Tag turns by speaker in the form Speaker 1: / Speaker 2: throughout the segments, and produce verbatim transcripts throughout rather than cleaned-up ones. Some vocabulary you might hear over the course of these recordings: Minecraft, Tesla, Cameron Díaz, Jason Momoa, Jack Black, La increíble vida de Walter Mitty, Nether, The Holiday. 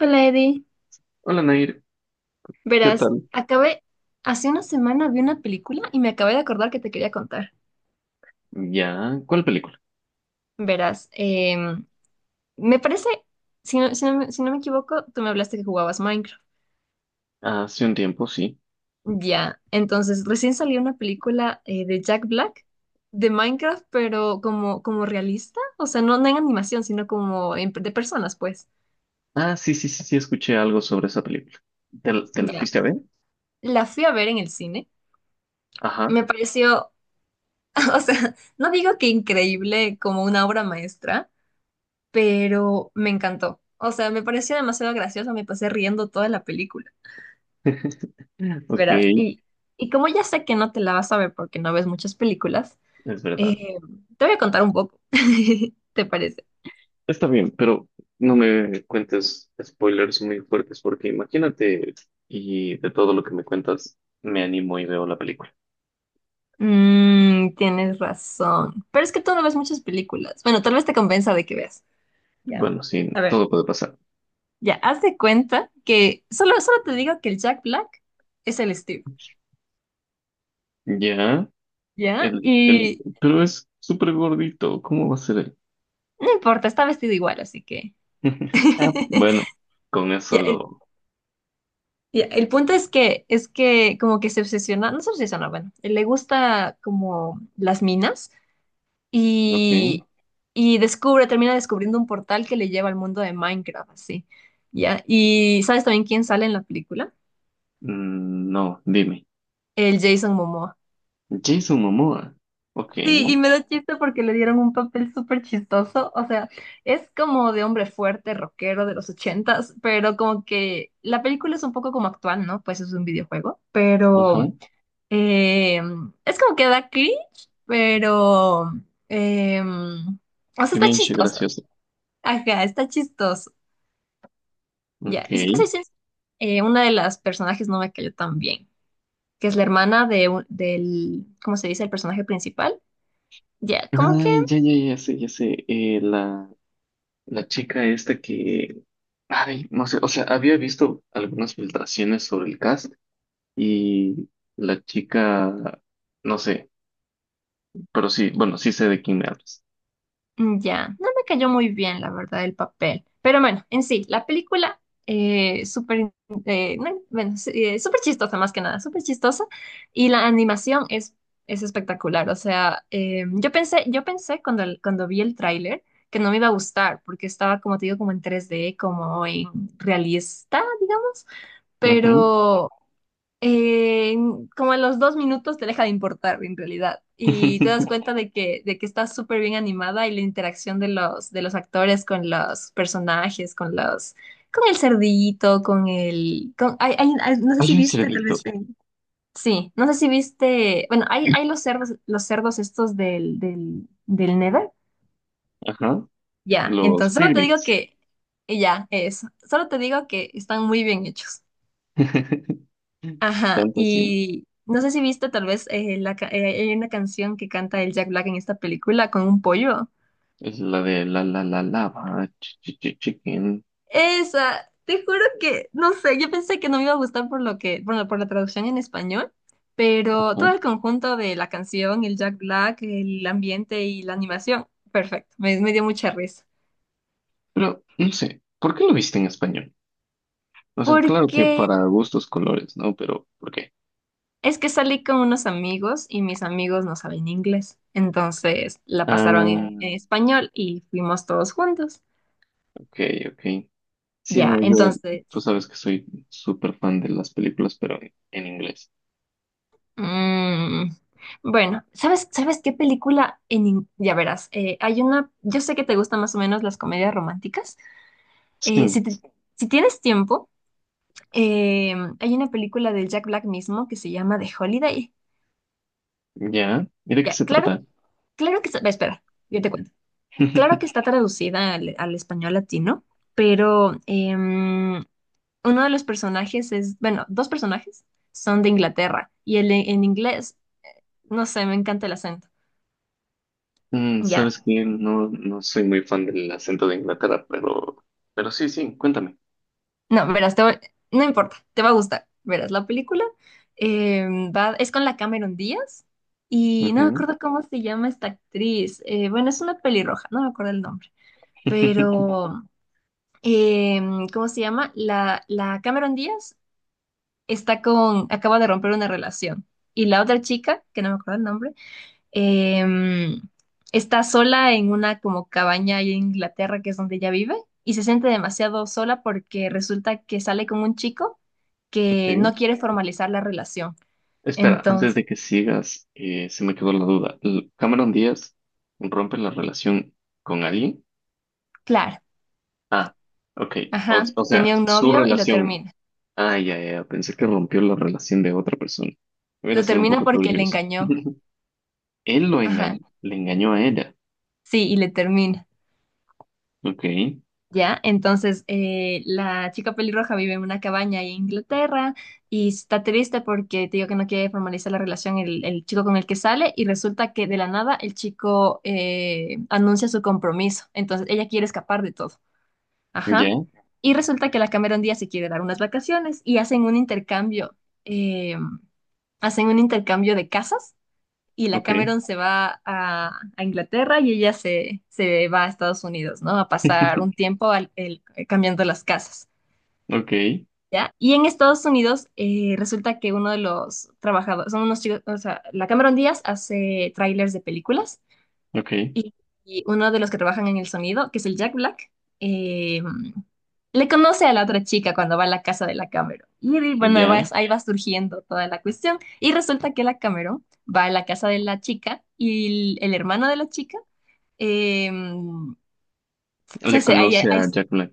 Speaker 1: Hola Eddie,
Speaker 2: Hola Nair, ¿qué
Speaker 1: verás,
Speaker 2: tal?
Speaker 1: acabé, hace una semana vi una película y me acabé de acordar que te quería contar.
Speaker 2: Ya, ¿cuál película?
Speaker 1: Verás, em, me parece, si no, si no me si no me equivoco, tú me hablaste que jugabas Minecraft.
Speaker 2: Hace un tiempo, sí.
Speaker 1: Ya, entonces recién salió una película eh, de Jack Black de Minecraft, pero como, como realista, o sea, no, no en animación, sino como en- de personas, pues.
Speaker 2: Ah, sí, sí, sí, sí, escuché algo sobre esa película. ¿Te, la te la
Speaker 1: Ya,
Speaker 2: fuiste a ver?
Speaker 1: la fui a ver en el cine,
Speaker 2: Ajá.
Speaker 1: me pareció, o sea, no digo que increíble como una obra maestra, pero me encantó. O sea, me pareció demasiado gracioso, me pasé riendo toda la película,
Speaker 2: Ok,
Speaker 1: verás.
Speaker 2: es
Speaker 1: Y, y como ya sé que no te la vas a ver porque no ves muchas películas,
Speaker 2: verdad.
Speaker 1: eh, te voy a contar un poco. ¿Te parece?
Speaker 2: Está bien, pero no me cuentes spoilers muy fuertes porque imagínate y de todo lo que me cuentas, me animo y veo la película.
Speaker 1: Mm, tienes razón. Pero es que tú no ves muchas películas. Bueno, tal vez te compensa de que veas. Ya.
Speaker 2: Bueno,
Speaker 1: A
Speaker 2: sí,
Speaker 1: ver,
Speaker 2: todo puede pasar.
Speaker 1: ya, haz de cuenta que solo, solo te digo que el Jack Black es el Steve.
Speaker 2: Ya,
Speaker 1: ¿Ya?
Speaker 2: el, el,
Speaker 1: Y
Speaker 2: pero es súper gordito, ¿cómo va a ser él?
Speaker 1: no importa, está vestido igual, así que.
Speaker 2: Ah, bueno, con eso
Speaker 1: Ya, el-
Speaker 2: lo...
Speaker 1: Y el punto es que, es que como que se obsesiona, no se obsesiona, bueno, le gusta como las minas
Speaker 2: Ok.
Speaker 1: y, y descubre, termina descubriendo un portal que le lleva al mundo de Minecraft, así, ¿ya? Y ¿sabes también quién sale en la película?
Speaker 2: Mm, no, dime.
Speaker 1: El Jason Momoa.
Speaker 2: Jason Momoa. Ok.
Speaker 1: Sí, y me da chiste porque le dieron un papel súper chistoso, o sea, es como de hombre fuerte, rockero de los ochentas, pero como que la película es un poco como actual, ¿no? Pues es un videojuego,
Speaker 2: Ajá.
Speaker 1: pero... Eh, es como que da cringe, pero... eh, o sea, está
Speaker 2: Demianche,
Speaker 1: chistoso.
Speaker 2: gracioso.
Speaker 1: Ajá, está chistoso. Ya,
Speaker 2: Ok.
Speaker 1: y si te soy sincera, eh, una de las personajes no me cayó tan bien, que es la hermana de, un- del, ¿cómo se dice? El personaje principal. Ya, como que
Speaker 2: Ay, ya, ya, ya sé, ya sé. Eh, la, la chica esta que. Ay, no sé. O sea, había visto algunas filtraciones sobre el cast y la chica. No sé. Pero sí, bueno, sí sé de quién me hablas.
Speaker 1: Mm, ya, no me cayó muy bien, la verdad, el papel. Pero bueno, en sí, la película, eh, súper, eh, no, bueno, sí, eh, súper chistosa más que nada, súper chistosa. Y la animación es, es espectacular. O sea, eh, yo pensé, yo pensé cuando, el- cuando vi el tráiler que no me iba a gustar, porque estaba, como te digo, como en tres d como en realista, digamos.
Speaker 2: Ujú.
Speaker 1: Pero eh, como a los dos minutos te deja de importar en realidad y te das cuenta de que, de que está súper bien animada y la interacción de los, de los actores con los personajes, con los, con el cerdito, con el, con, hay- hay- hay- no sé si
Speaker 2: Hay un
Speaker 1: viste tal vez,
Speaker 2: cerdito.
Speaker 1: eh, sí, no sé si viste, bueno, hay, hay los cerdos, los cerdos estos del, del, del Nether,
Speaker 2: Ajá.
Speaker 1: ya.
Speaker 2: Los
Speaker 1: Entonces solo te digo
Speaker 2: piglets.
Speaker 1: que, y ya, eso, solo te digo que están muy bien hechos. Ajá,
Speaker 2: Tanto así.
Speaker 1: y no sé si viste tal vez eh, la, ca- eh, hay una canción que canta el Jack Black en esta película con un pollo.
Speaker 2: Es la de la la la lava, chi- chi- chi- chicken.
Speaker 1: Esa, te juro que, no sé, yo pensé que no me iba a gustar por lo que, bueno, por la traducción en español, pero todo
Speaker 2: Ajá.
Speaker 1: el conjunto de la canción, el Jack Black, el ambiente y la animación, perfecto, me, me dio mucha risa.
Speaker 2: Pero no sé, ¿por qué lo viste en español? O sea, claro que
Speaker 1: Porque
Speaker 2: para gustos colores, ¿no? Pero ¿por qué?
Speaker 1: es que salí con unos amigos y mis amigos no saben inglés, entonces la pasaron
Speaker 2: Ah,
Speaker 1: en en español y fuimos todos juntos.
Speaker 2: ok, ok. Sí,
Speaker 1: Ya,
Speaker 2: no, yo,
Speaker 1: entonces
Speaker 2: tú sabes que soy súper fan de las películas, pero en, en inglés.
Speaker 1: Mm, bueno, ¿sabes, sabes qué película en... in- ya verás, eh, hay una... Yo sé que te gustan más o menos las comedias románticas. Eh,
Speaker 2: Sí,
Speaker 1: si, te- si tienes tiempo, eh, hay una película del Jack Black mismo que se llama The Holiday.
Speaker 2: ya. ¿Y de qué
Speaker 1: Ya,
Speaker 2: se
Speaker 1: claro,
Speaker 2: trata?
Speaker 1: claro que... está- ve, espera, yo te cuento. Claro que está traducida al, al español latino, pero em, uno de los personajes es... Bueno, dos personajes son de Inglaterra y el en en inglés, no sé, me encanta el acento.
Speaker 2: Mm,
Speaker 1: Ya,
Speaker 2: sabes que no, no soy muy fan del acento de Inglaterra, pero, pero sí, sí, cuéntame.
Speaker 1: no, verás, te voy- no importa, te va a gustar. Verás, la película eh, va, es con la Cameron Díaz y no me
Speaker 2: Ujú.
Speaker 1: acuerdo cómo se llama esta actriz. Eh, bueno, es una pelirroja, no me acuerdo el nombre. Pero, eh, ¿cómo se llama? La, la Cameron Díaz está con, acaba de romper una relación y la otra chica, que no me acuerdo el nombre, em, está sola en una como cabaña ahí en Inglaterra, que es donde ella vive, y se siente demasiado sola porque resulta que sale con un chico que
Speaker 2: Ok.
Speaker 1: no quiere formalizar la relación.
Speaker 2: Espera, antes
Speaker 1: Entonces,
Speaker 2: de que sigas, eh, se me quedó la duda. L- ¿Cameron Díaz rompe la relación con alguien?
Speaker 1: claro,
Speaker 2: Ah, ok. O,
Speaker 1: ajá,
Speaker 2: o sea,
Speaker 1: tenía un
Speaker 2: su
Speaker 1: novio y lo
Speaker 2: relación.
Speaker 1: termina.
Speaker 2: Ah, ya, ya, ya. Pensé que rompió la relación de otra persona. Hubiera
Speaker 1: Lo
Speaker 2: sido un
Speaker 1: termina
Speaker 2: poco
Speaker 1: porque
Speaker 2: turbio
Speaker 1: le
Speaker 2: eso.
Speaker 1: engañó.
Speaker 2: Él lo
Speaker 1: Ajá,
Speaker 2: engañó, le engañó a ella.
Speaker 1: sí, y le termina.
Speaker 2: Ok,
Speaker 1: ¿Ya? Entonces, eh, la chica pelirroja vive en una cabaña ahí en Inglaterra y está triste porque te digo que no quiere formalizar la relación el, el chico con el que sale y resulta que de la nada el chico eh, anuncia su compromiso. Entonces, ella quiere escapar de todo. Ajá.
Speaker 2: ya,
Speaker 1: Y resulta que la Cameron Díaz se quiere dar unas vacaciones y hacen un intercambio, eh, hacen un intercambio de casas y la
Speaker 2: ok,
Speaker 1: Cameron se va a, a Inglaterra y ella se, se va a Estados Unidos, ¿no? A pasar un tiempo al- el- eh, cambiando las casas,
Speaker 2: ok,
Speaker 1: ¿ya? Y en Estados Unidos eh, resulta que uno de los trabajadores, son unos chicos, o sea, la Cameron Díaz hace trailers de películas
Speaker 2: ok,
Speaker 1: y, y uno de los que trabajan en el sonido, que es el Jack Black, eh, le conoce a la otra chica cuando va a la casa de la Cameron. Y bueno, va-
Speaker 2: ya.
Speaker 1: ahí va surgiendo toda la cuestión. Y resulta que la Cameron va a la casa de la chica y el, el hermano de la chica, eh, se
Speaker 2: Le
Speaker 1: hace- ahí-
Speaker 2: conoce
Speaker 1: ahí-
Speaker 2: a Jack Black.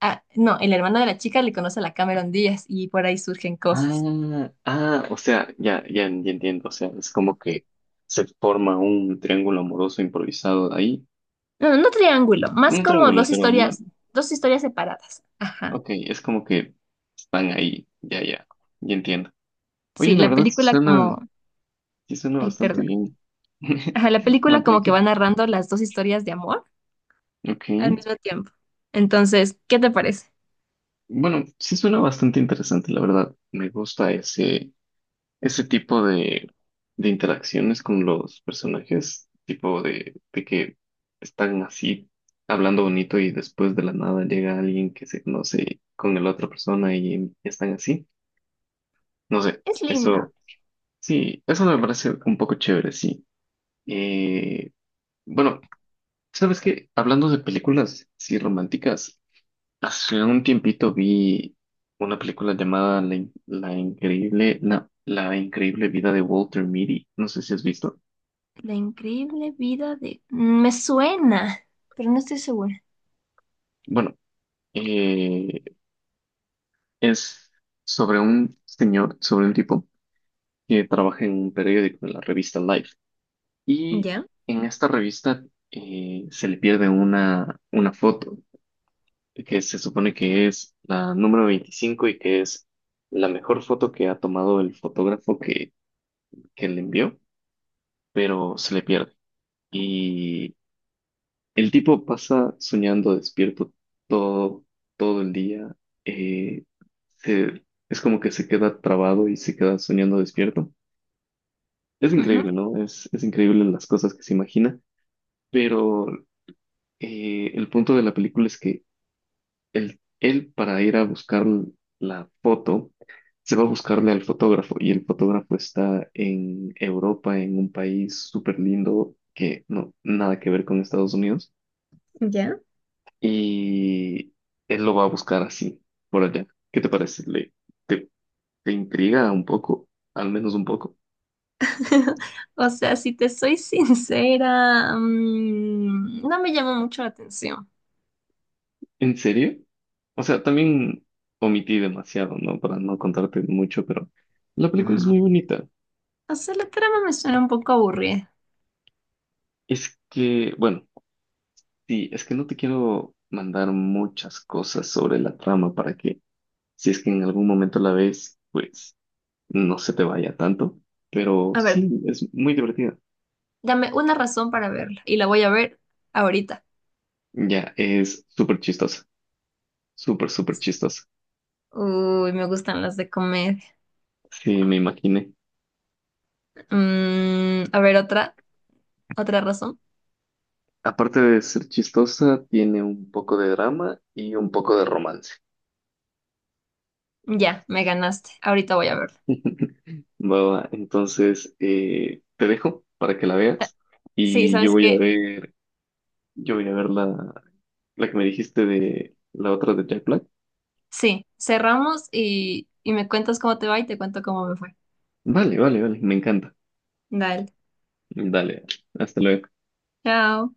Speaker 1: ah, no, el hermano de la chica le conoce a la Cameron Díaz y por ahí surgen cosas.
Speaker 2: Ah, ah, o sea, ya, ya, ya entiendo. O sea, es como que se forma un triángulo amoroso improvisado ahí.
Speaker 1: No, no triángulo, más
Speaker 2: Un
Speaker 1: como
Speaker 2: triángulo,
Speaker 1: dos
Speaker 2: pero ma-
Speaker 1: historias, dos historias separadas. Ajá.
Speaker 2: Ok, es como que están ahí. Ya, ya, ya entiendo. Oye,
Speaker 1: Sí,
Speaker 2: la
Speaker 1: la
Speaker 2: verdad sí
Speaker 1: película
Speaker 2: suena,
Speaker 1: como...
Speaker 2: sí suena
Speaker 1: Ay,
Speaker 2: bastante
Speaker 1: perdón.
Speaker 2: bien.
Speaker 1: Ajá, la
Speaker 2: No,
Speaker 1: película como que
Speaker 2: tranquilo.
Speaker 1: va narrando las dos historias de amor
Speaker 2: Ok.
Speaker 1: al mismo tiempo. Entonces, ¿qué te parece?
Speaker 2: Bueno, sí suena bastante interesante, la verdad. Me gusta ese. Ese tipo de, de interacciones con los personajes, tipo de, de que están así hablando bonito y después de la nada llega alguien que se conoce con la otra persona y están así. No sé,
Speaker 1: Es linda.
Speaker 2: eso sí, eso me parece un poco chévere, sí. Eh, bueno, ¿sabes qué? Hablando de películas, sí, románticas, hace un tiempito vi una película llamada La, In- La increíble, no, La increíble vida de Walter Mitty. No sé si has visto.
Speaker 1: La increíble vida de... Me suena, pero no estoy segura.
Speaker 2: Bueno, eh, es sobre un señor, sobre un tipo que trabaja en un periódico, en la revista Life. Y
Speaker 1: ¿Ya?
Speaker 2: en esta revista eh, se le pierde una, una foto que se supone que es la número veinticinco y que es la mejor foto que ha tomado el fotógrafo que, que le envió, pero se le pierde. El tipo pasa soñando despierto todo, todo el día. eh, se- es como que se queda trabado y se queda soñando despierto. Es
Speaker 1: Ujú,
Speaker 2: increíble, ¿no? Es, es increíble las cosas que se imagina, pero eh, el punto de la película es que él, él para ir a buscar la foto, se va a buscarle al fotógrafo y el fotógrafo está en Europa, en un país súper lindo que no, nada que ver con Estados Unidos.
Speaker 1: ¿ya?
Speaker 2: Y él lo va a buscar así, por allá. ¿Qué te parece? ¿Le, te, ¿te intriga un poco? Al menos un poco.
Speaker 1: O sea, si te soy sincera, mm, no me llama mucho la atención.
Speaker 2: ¿En serio? O sea, también omití demasiado, ¿no? Para no contarte mucho, pero la película es
Speaker 1: Mm,
Speaker 2: muy bonita.
Speaker 1: o sea, la trama me suena un poco aburrida.
Speaker 2: Es que, bueno, sí, es que no te quiero mandar muchas cosas sobre la trama para que, si es que en algún momento la ves, pues no se te vaya tanto. Pero
Speaker 1: A ver,
Speaker 2: sí, es muy divertida.
Speaker 1: dame una razón para verla y la voy a ver ahorita.
Speaker 2: Ya, es súper chistosa. Súper, súper chistosa.
Speaker 1: Uy, me gustan las de comedia.
Speaker 2: Sí, me imaginé.
Speaker 1: Mm, a ver, otra. ¿Otra razón?
Speaker 2: Aparte de ser chistosa, tiene un poco de drama y un poco de romance.
Speaker 1: Ya, me ganaste. Ahorita voy a verlo.
Speaker 2: Va, va. Entonces, eh, te dejo para que la
Speaker 1: Eh,
Speaker 2: veas
Speaker 1: Sí,
Speaker 2: y yo
Speaker 1: ¿sabes
Speaker 2: voy a
Speaker 1: qué?
Speaker 2: ver, yo voy a ver la, la que me dijiste de la otra de Jack Black.
Speaker 1: Sí, cerramos y, y me cuentas cómo te va y te cuento cómo me fue.
Speaker 2: Vale, vale, vale, me encanta.
Speaker 1: Dale.
Speaker 2: Dale, hasta luego.
Speaker 1: Chao.